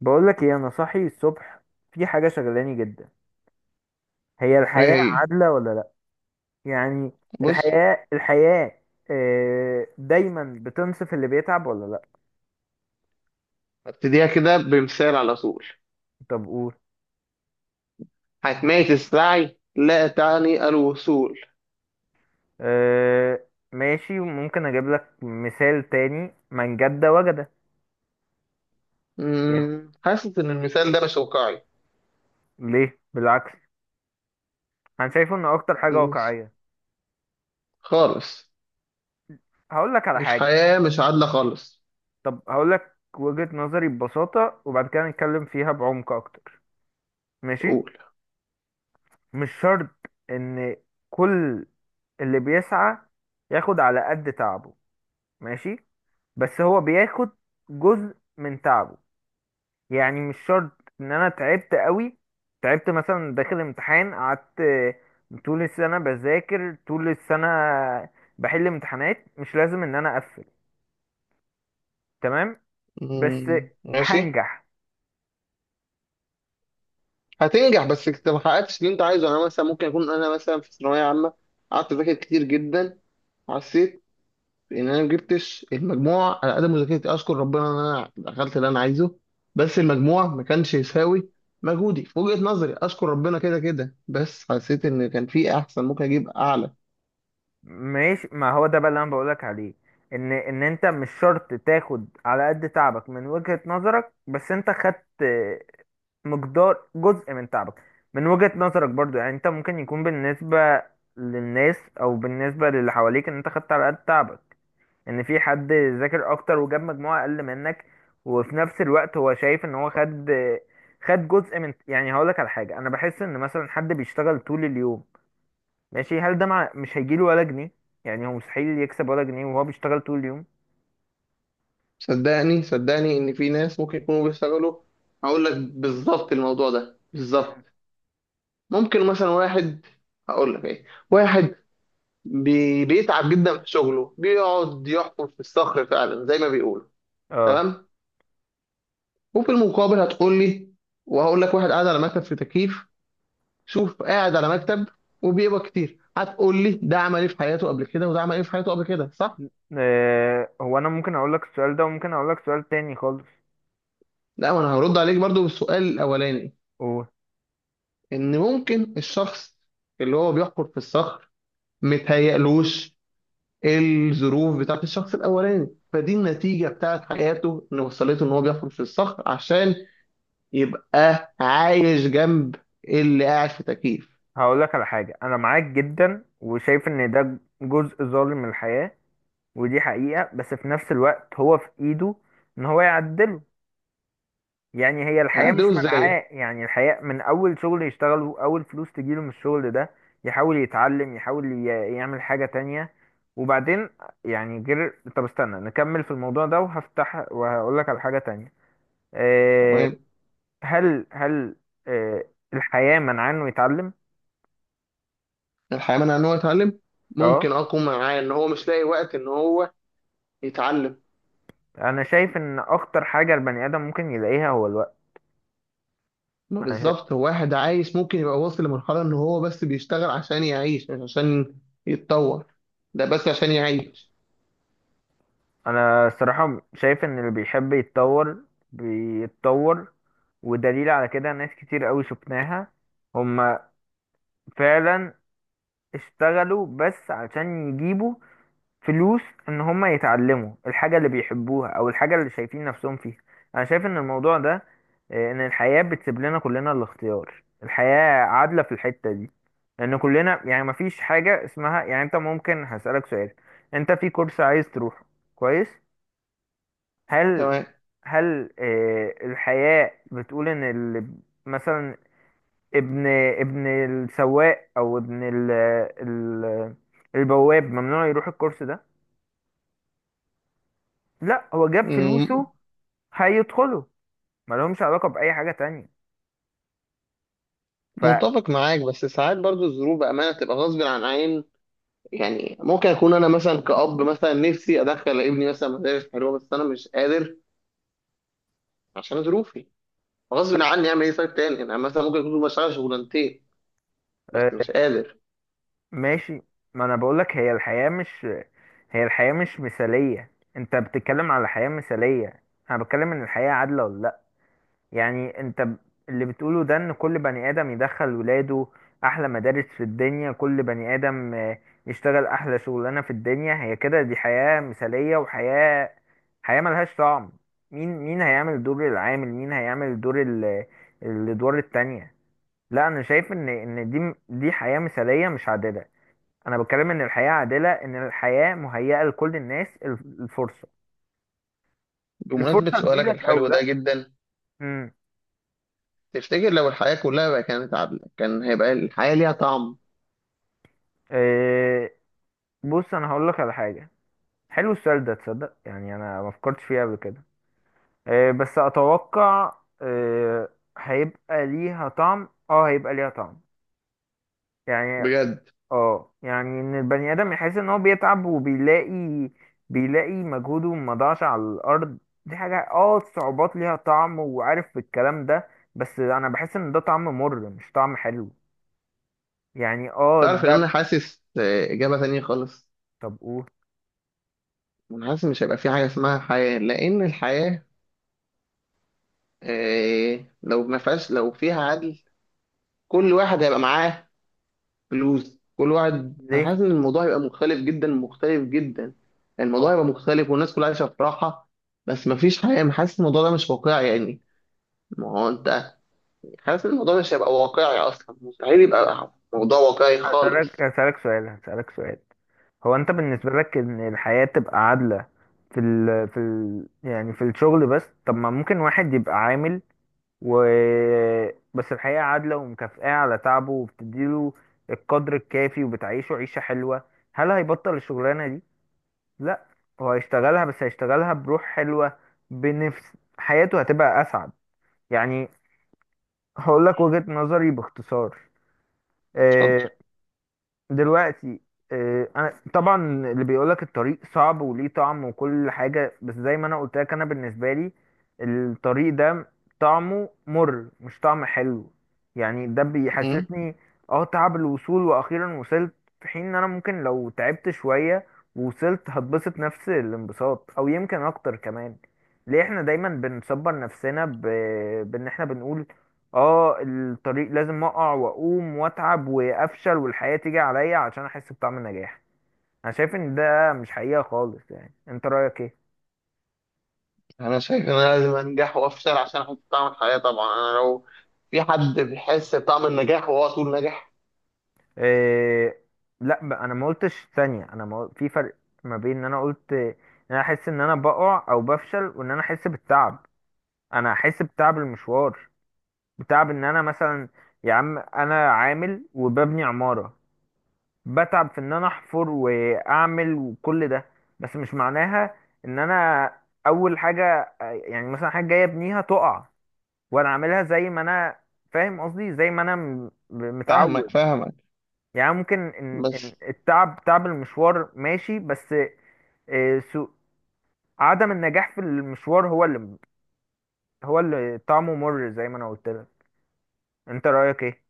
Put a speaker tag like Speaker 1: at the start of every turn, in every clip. Speaker 1: بقولك ايه، انا صاحي الصبح. في حاجة شغلاني جدا. هي
Speaker 2: ايه.
Speaker 1: الحياة
Speaker 2: هي.
Speaker 1: عادلة ولا لا؟ يعني
Speaker 2: بص.
Speaker 1: الحياة، دايما بتنصف اللي بيتعب ولا لا؟
Speaker 2: هبتديها كده بمثال على طول.
Speaker 1: طب قول.
Speaker 2: حتمية السعي لا تعني الوصول.
Speaker 1: ماشي، ممكن اجيب لك مثال تاني من جد وجد. يعني
Speaker 2: حاسس ان المثال ده مش واقعي.
Speaker 1: ليه؟ بالعكس، انا شايفه ان اكتر حاجة
Speaker 2: مم،
Speaker 1: واقعية.
Speaker 2: خالص.
Speaker 1: هقول لك على حاجة.
Speaker 2: الحياة مش عادلة خالص.
Speaker 1: طب هقول لك وجهة نظري ببساطة وبعد كده نتكلم فيها بعمق اكتر. ماشي.
Speaker 2: قول.
Speaker 1: مش شرط ان كل اللي بيسعى ياخد على قد تعبه، ماشي، بس هو بياخد جزء من تعبه. يعني مش شرط ان انا تعبت قوي، تعبت مثلا داخل امتحان، قعدت طول السنة بذاكر، طول السنة بحل امتحانات، مش لازم ان انا اقفل تمام، بس
Speaker 2: مم، ماشي.
Speaker 1: هنجح.
Speaker 2: هتنجح بس انت ما حققتش اللي انت عايزه. انا مثلا ممكن اكون انا مثلا في ثانوية عامة، قعدت اذاكر كتير جدا، حسيت ان انا ما جبتش المجموع على قد مذاكرتي. اشكر ربنا ان انا دخلت اللي انا عايزه، بس المجموع ما كانش يساوي مجهودي في وجهة نظري. اشكر ربنا كده كده، بس حسيت ان كان في احسن، ممكن اجيب اعلى.
Speaker 1: ماشي. ما هو ده بقى اللي انا بقولك عليه، ان انت مش شرط تاخد على قد تعبك من وجهة نظرك، بس انت خدت مقدار جزء من تعبك من وجهة نظرك برضو. يعني انت ممكن يكون بالنسبة للناس او بالنسبة للي حواليك ان انت خدت على قد تعبك، ان في حد ذاكر اكتر وجاب مجموعة اقل منك وفي نفس الوقت هو شايف ان هو خد جزء من. يعني هقولك على حاجة، انا بحس ان مثلا حد بيشتغل طول اليوم، ماشي، هل ده مش هيجيله ولا جنيه؟ يعني هو مستحيل يكسب ولا جنيه وهو بيشتغل طول اليوم؟
Speaker 2: صدقني صدقني ان في ناس ممكن يكونوا بيشتغلوا. هقول لك بالظبط الموضوع ده
Speaker 1: مم.
Speaker 2: بالظبط. ممكن مثلا واحد، هقول لك ايه، واحد بيتعب جدا في شغله، بيقعد يحفر في الصخر فعلا زي ما بيقولوا.
Speaker 1: اه.
Speaker 2: تمام. وفي المقابل هتقول لي، وهقول لك، واحد قاعد على مكتب في تكييف. شوف قاعد على مكتب وبيقبض كتير. هتقول لي ده عمل ايه في حياته قبل كده وده عمل ايه في حياته قبل كده، صح؟
Speaker 1: هو انا ممكن اقول لك السؤال ده وممكن اقول لك سؤال تاني خالص.
Speaker 2: لا، ما انا هرد عليك برضو بالسؤال الاولاني.
Speaker 1: قول.
Speaker 2: ان ممكن الشخص اللي هو بيحفر في الصخر متهيألوش الظروف بتاعت الشخص الاولاني، فدي النتيجة بتاعت حياته ان وصلته ان هو بيحفر في الصخر عشان يبقى عايش جنب اللي قاعد في تكييف.
Speaker 1: هقول لك على حاجة. انا معاك جدا وشايف ان ده جزء ظالم من الحياة ودي حقيقة، بس في نفس الوقت هو في ايده ان هو يعدله. يعني هي الحياة
Speaker 2: هعدله
Speaker 1: مش
Speaker 2: ازاي؟
Speaker 1: منعاه، يعني الحياة من أول شغل يشتغله، أول فلوس تجيله من الشغل ده، يحاول يتعلم، يحاول يعمل حاجة تانية وبعدين. يعني غير، طب استنى نكمل في الموضوع ده وهفتح وهقولك على حاجة تانية. أه.
Speaker 2: تمام.
Speaker 1: هل أه الحياة منعاه إنه يتعلم؟
Speaker 2: الحياة منع ان هو يتعلم؟ ممكن
Speaker 1: اه.
Speaker 2: اقوم معاه ان هو مش لاقي وقت ان هو يتعلم.
Speaker 1: أنا شايف إن أخطر حاجة البني آدم ممكن يلاقيها هو الوقت.
Speaker 2: ما
Speaker 1: أنا شا...
Speaker 2: بالظبط هو واحد عايش ممكن يبقى واصل لمرحلة ان هو بس بيشتغل عشان يعيش، مش عشان يتطور. ده بس عشان يعيش.
Speaker 1: أنا الصراحة شايف إن اللي بيحب يتطور بيتطور. ودليل على كده ناس كتير قوي شفناها هم فعلا، اشتغلوا بس عشان يجيبوا فلوس ان هم يتعلموا الحاجة اللي بيحبوها او الحاجة اللي شايفين نفسهم فيها. انا شايف ان الموضوع ده، ان الحياة بتسيب لنا كلنا الاختيار. الحياة عادلة في الحتة دي، لان كلنا، يعني مفيش حاجة اسمها. يعني انت، ممكن هسألك سؤال: انت في كورس عايز تروحه، كويس، هل
Speaker 2: تمام.
Speaker 1: هل الحياة بتقول ان اللي مثلا ابن ابن السواق او ابن ال البواب ممنوع يروح الكورس ده؟ لا، هو جاب
Speaker 2: مم.
Speaker 1: فلوسه هيدخله، ما لهمش علاقة بأي حاجة تانية. ف
Speaker 2: متفق معاك، بس ساعات برضو الظروف بأمانة تبقى غصب عن عين. يعني ممكن أكون أنا مثلا كأب، مثلا نفسي أدخل ابني مثلا مدارس حلوة، بس أنا مش قادر عشان ظروفي. غصب عني، أعمل إيه؟ طيب تاني، أنا مثلا ممكن أكون بشتغل شغلانتين،
Speaker 1: آه،
Speaker 2: بس مش قادر.
Speaker 1: ماشي. ما انا بقولك، هي الحياة مش مثالية، انت بتتكلم على حياة مثالية، انا بتكلم ان الحياة عادلة ولا. يعني اللي بتقوله ده ان كل بني ادم يدخل ولاده احلى مدارس في الدنيا، كل بني ادم يشتغل احلى شغلانه في الدنيا. هي كده، دي حياه مثاليه، وحياه ملهاش طعم. مين، مين هيعمل دور العامل؟ مين هيعمل دور الادوار التانية؟ لا، انا شايف ان دي حياه مثاليه مش عادله. انا بتكلم ان الحياه عادله، ان الحياه مهيئه لكل الناس الفرصه،
Speaker 2: بمناسبة
Speaker 1: الفرصه
Speaker 2: سؤالك
Speaker 1: تجيلك او
Speaker 2: الحلو ده
Speaker 1: لا.
Speaker 2: جدا،
Speaker 1: امم.
Speaker 2: تفتكر لو الحياة كلها بقى كانت عادلة، كان هيبقى الحياة ليها طعم؟
Speaker 1: آه، بص انا هقول لك على حاجه. حلو السؤال ده تصدق، يعني انا ما فكرتش فيه قبل كده. بس اتوقع، آه، هيبقى ليها طعم، اه هيبقى ليها طعم. يعني
Speaker 2: بجد.
Speaker 1: اه يعني ان البني ادم يحس ان هو بيتعب بيلاقي مجهوده ما ضاعش على الارض. دي حاجة، الصعوبات ليها طعم، وعارف الكلام ده، بس انا بحس ان ده طعم مر مش طعم حلو. يعني
Speaker 2: تعرف إن
Speaker 1: ده.
Speaker 2: أنا حاسس إجابة تانية خالص.
Speaker 1: طب قول.
Speaker 2: أنا حاسس مش هيبقى في حاجة اسمها حياة، لأن الحياة لو ما فيهاش، لو فيها عدل، كل واحد هيبقى معاه فلوس، كل واحد. أنا
Speaker 1: ليه؟
Speaker 2: حاسس إن الموضوع هيبقى مختلف جدا، مختلف جدا.
Speaker 1: هو
Speaker 2: الموضوع هيبقى مختلف والناس كلها عايشة في راحة، بس مفيش حياة. أنا حاسس الموضوع ده مش واقعي يعني. ما هو أنت حاسس إن الموضوع مش هيبقى واقعي أصلا، مستحيل يبقى موضوع واقعي
Speaker 1: هسألك
Speaker 2: خالص.
Speaker 1: هسألك سؤال هسألك سؤال هو انت بالنسبة لك ان الحياة تبقى عادلة في ال في ال يعني في الشغل بس؟ طب ما ممكن واحد يبقى عامل و بس الحياة عادلة ومكافئة على تعبه وبتديله القدر الكافي وبتعيشه عيشة حلوة، هل هيبطل الشغلانة دي؟ لا، هو هيشتغلها، بس هيشتغلها بروح حلوة، بنفس، حياته هتبقى أسعد. يعني هقول لك وجهة نظري باختصار.
Speaker 2: اتفضل.
Speaker 1: آه، دلوقتي، انا طبعا اللي بيقولك الطريق صعب وليه طعم وكل حاجه، بس زي ما انا قلت لك انا بالنسبه لي الطريق ده طعمه مر مش طعم حلو. يعني ده
Speaker 2: أمم.
Speaker 1: بيحسسني اه تعب الوصول، واخيرا وصلت، في حين ان انا ممكن لو تعبت شويه ووصلت هتبسط نفس الانبساط او يمكن اكتر كمان. ليه احنا دايما بنصبر نفسنا بان احنا بنقول اه الطريق لازم اقع واقوم واتعب وافشل والحياة تيجي عليا عشان احس بطعم النجاح؟ انا شايف ان ده مش حقيقة خالص. يعني انت رأيك ايه؟
Speaker 2: أنا شايف إن أنا لازم أنجح وأفشل عشان أحس بطعم الحياة. طبعا أنا لو في حد بيحس بطعم النجاح وهو طول ناجح.
Speaker 1: إيه؟ لا بقى، انا ما قلتش ثانية، انا ما قل- في فرق ما بين ان انا قلت ان انا احس ان انا بقع او بفشل وان انا احس بالتعب. انا احس بتعب المشوار، بتعب ان انا مثلا، يا عم انا عامل وببني عمارة، بتعب في ان انا احفر واعمل وكل ده، بس مش معناها ان انا اول حاجه، يعني مثلا حاجه جايه ابنيها تقع، وانا اعملها زي ما انا، فاهم قصدي؟ زي ما انا
Speaker 2: فاهمك
Speaker 1: متعود.
Speaker 2: فاهمك.
Speaker 1: يعني ممكن إن
Speaker 2: بس
Speaker 1: التعب، تعب المشوار، ماشي، بس آه، سو عدم النجاح في المشوار هو اللي طعمه مر، زي ما انا قلت لك. انت رايك ايه؟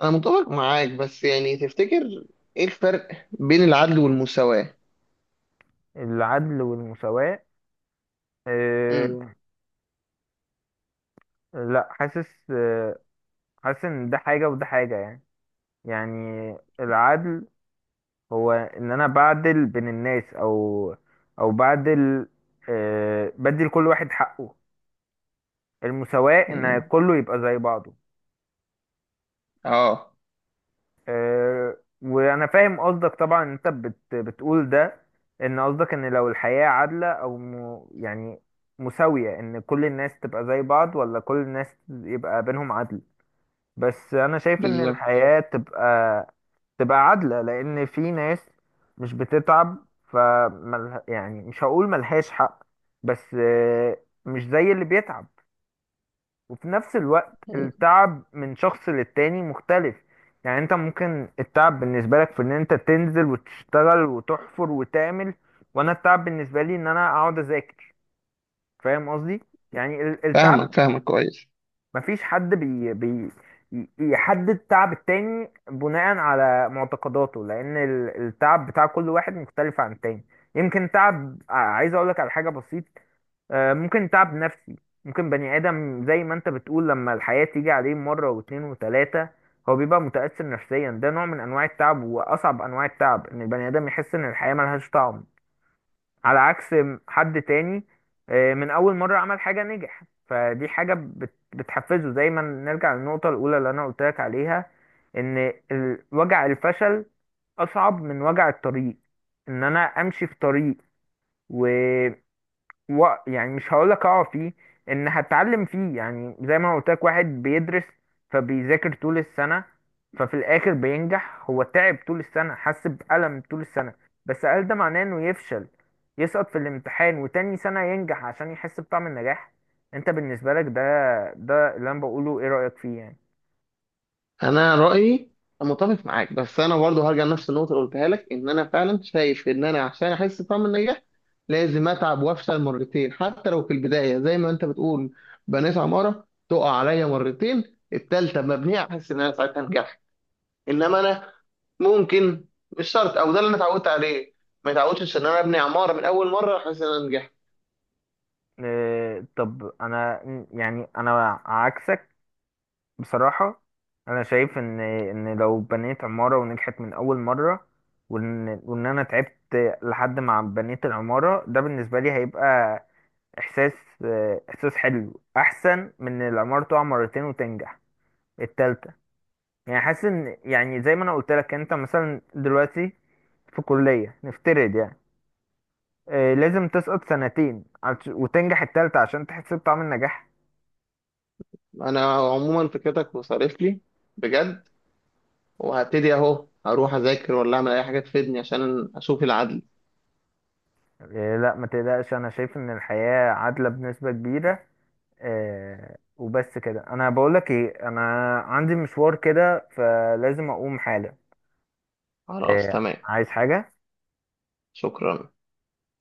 Speaker 2: أنا متفق معاك، بس يعني تفتكر إيه الفرق بين العدل والمساواة؟
Speaker 1: العدل والمساواه؟
Speaker 2: أمم.
Speaker 1: آه. لا، حاسس، آه، حاسس ان ده حاجه وده حاجه يعني. يعني العدل هو ان انا بعدل بين الناس او بعدل، آه، بدي لكل واحد حقه. المساواة ان
Speaker 2: أمم.
Speaker 1: كله يبقى زي بعضه.
Speaker 2: آه.
Speaker 1: آه. وانا فاهم قصدك طبعا. انت بتقول ده، ان قصدك ان لو الحياة عادلة او يعني مساوية، ان كل الناس تبقى زي بعض، ولا كل الناس يبقى بينهم عدل. بس انا شايف ان
Speaker 2: بالظبط.
Speaker 1: الحياة تبقى عادلة، لأن في ناس مش بتتعب، فملها، يعني مش هقول ملهاش حق، بس آه، مش زي اللي بيتعب. وفي نفس الوقت
Speaker 2: أمم.
Speaker 1: التعب من شخص للتاني مختلف. يعني انت ممكن التعب بالنسبة لك في ان انت تنزل وتشتغل وتحفر وتعمل، وانا التعب بالنسبة لي ان انا اقعد اذاكر، فاهم قصدي؟ يعني التعب،
Speaker 2: فاهمك فاهمك كويس.
Speaker 1: مفيش حد يحدد تعب التاني بناء على معتقداته، لأن التعب بتاع كل واحد مختلف عن التاني. يمكن تعب عايز أقولك على حاجة بسيط. ممكن تعب نفسي، ممكن بني آدم زي ما أنت بتقول، لما الحياة تيجي عليه مرة واتنين وتلاتة، هو بيبقى متأثر نفسيا، ده نوع من أنواع التعب، وأصعب أنواع التعب إن البني آدم يحس إن الحياة ملهاش طعم. على عكس حد تاني من اول مرة عمل حاجة نجح، فدي حاجة بتحفزه، زي ما نرجع للنقطة الاولى اللي انا قلت لك عليها، ان وجع الفشل اصعب من وجع الطريق. ان انا امشي في طريق و، يعني مش هقولك اقع فيه، ان هتعلم فيه، يعني زي ما قلت لك واحد بيدرس فبيذاكر طول السنة، ففي الاخر بينجح. هو تعب طول السنة، حس بألم طول السنة، بس هل ده معناه انه يفشل، يسقط في الامتحان، وتاني سنة ينجح عشان يحس بطعم النجاح؟ انت بالنسبة لك ده اللي انا بقوله، ايه رأيك فيه يعني؟
Speaker 2: انا رايي متفق معاك، بس انا برضه هرجع لنفس النقطه اللي قلتها لك، ان انا فعلا شايف ان انا عشان احس بطعم النجاح لازم اتعب وافشل مرتين. حتى لو في البدايه زي ما انت بتقول، بنيت عماره تقع عليا مرتين، التالته مبنيه، احس ان انا ساعتها نجحت. انما انا ممكن، مش شرط، او ده اللي انا اتعودت عليه. ما اتعودتش ان انا ابني عماره من اول مره احس ان انا نجحت.
Speaker 1: اه، طب انا، يعني انا عكسك بصراحة. أنا شايف إن لو بنيت عمارة ونجحت من أول مرة، وإن أنا تعبت لحد ما بنيت العمارة، ده بالنسبة لي هيبقى إحساس، إحساس حلو أحسن من إن العمارة تقع مرتين وتنجح التالتة. يعني حاسس إن، يعني زي ما أنا قلت لك، أنت مثلا دلوقتي في كلية نفترض يعني، لازم تسقط سنتين وتنجح التالتة عشان تحس بطعم النجاح؟
Speaker 2: انا عموما فكرتك وصارف لي، بجد. وهبتدي اهو اروح اذاكر ولا اعمل اي حاجه تفيدني عشان اشوف العدل.
Speaker 1: لا، ما تقلقش، أنا شايف إن الحياة عادلة بنسبة كبيرة. آه، وبس كده. انا بقول لك ايه، انا عندي مشوار كده فلازم اقوم حالا.
Speaker 2: خلاص
Speaker 1: آه،
Speaker 2: تمام.
Speaker 1: عايز حاجة؟
Speaker 2: شكرا.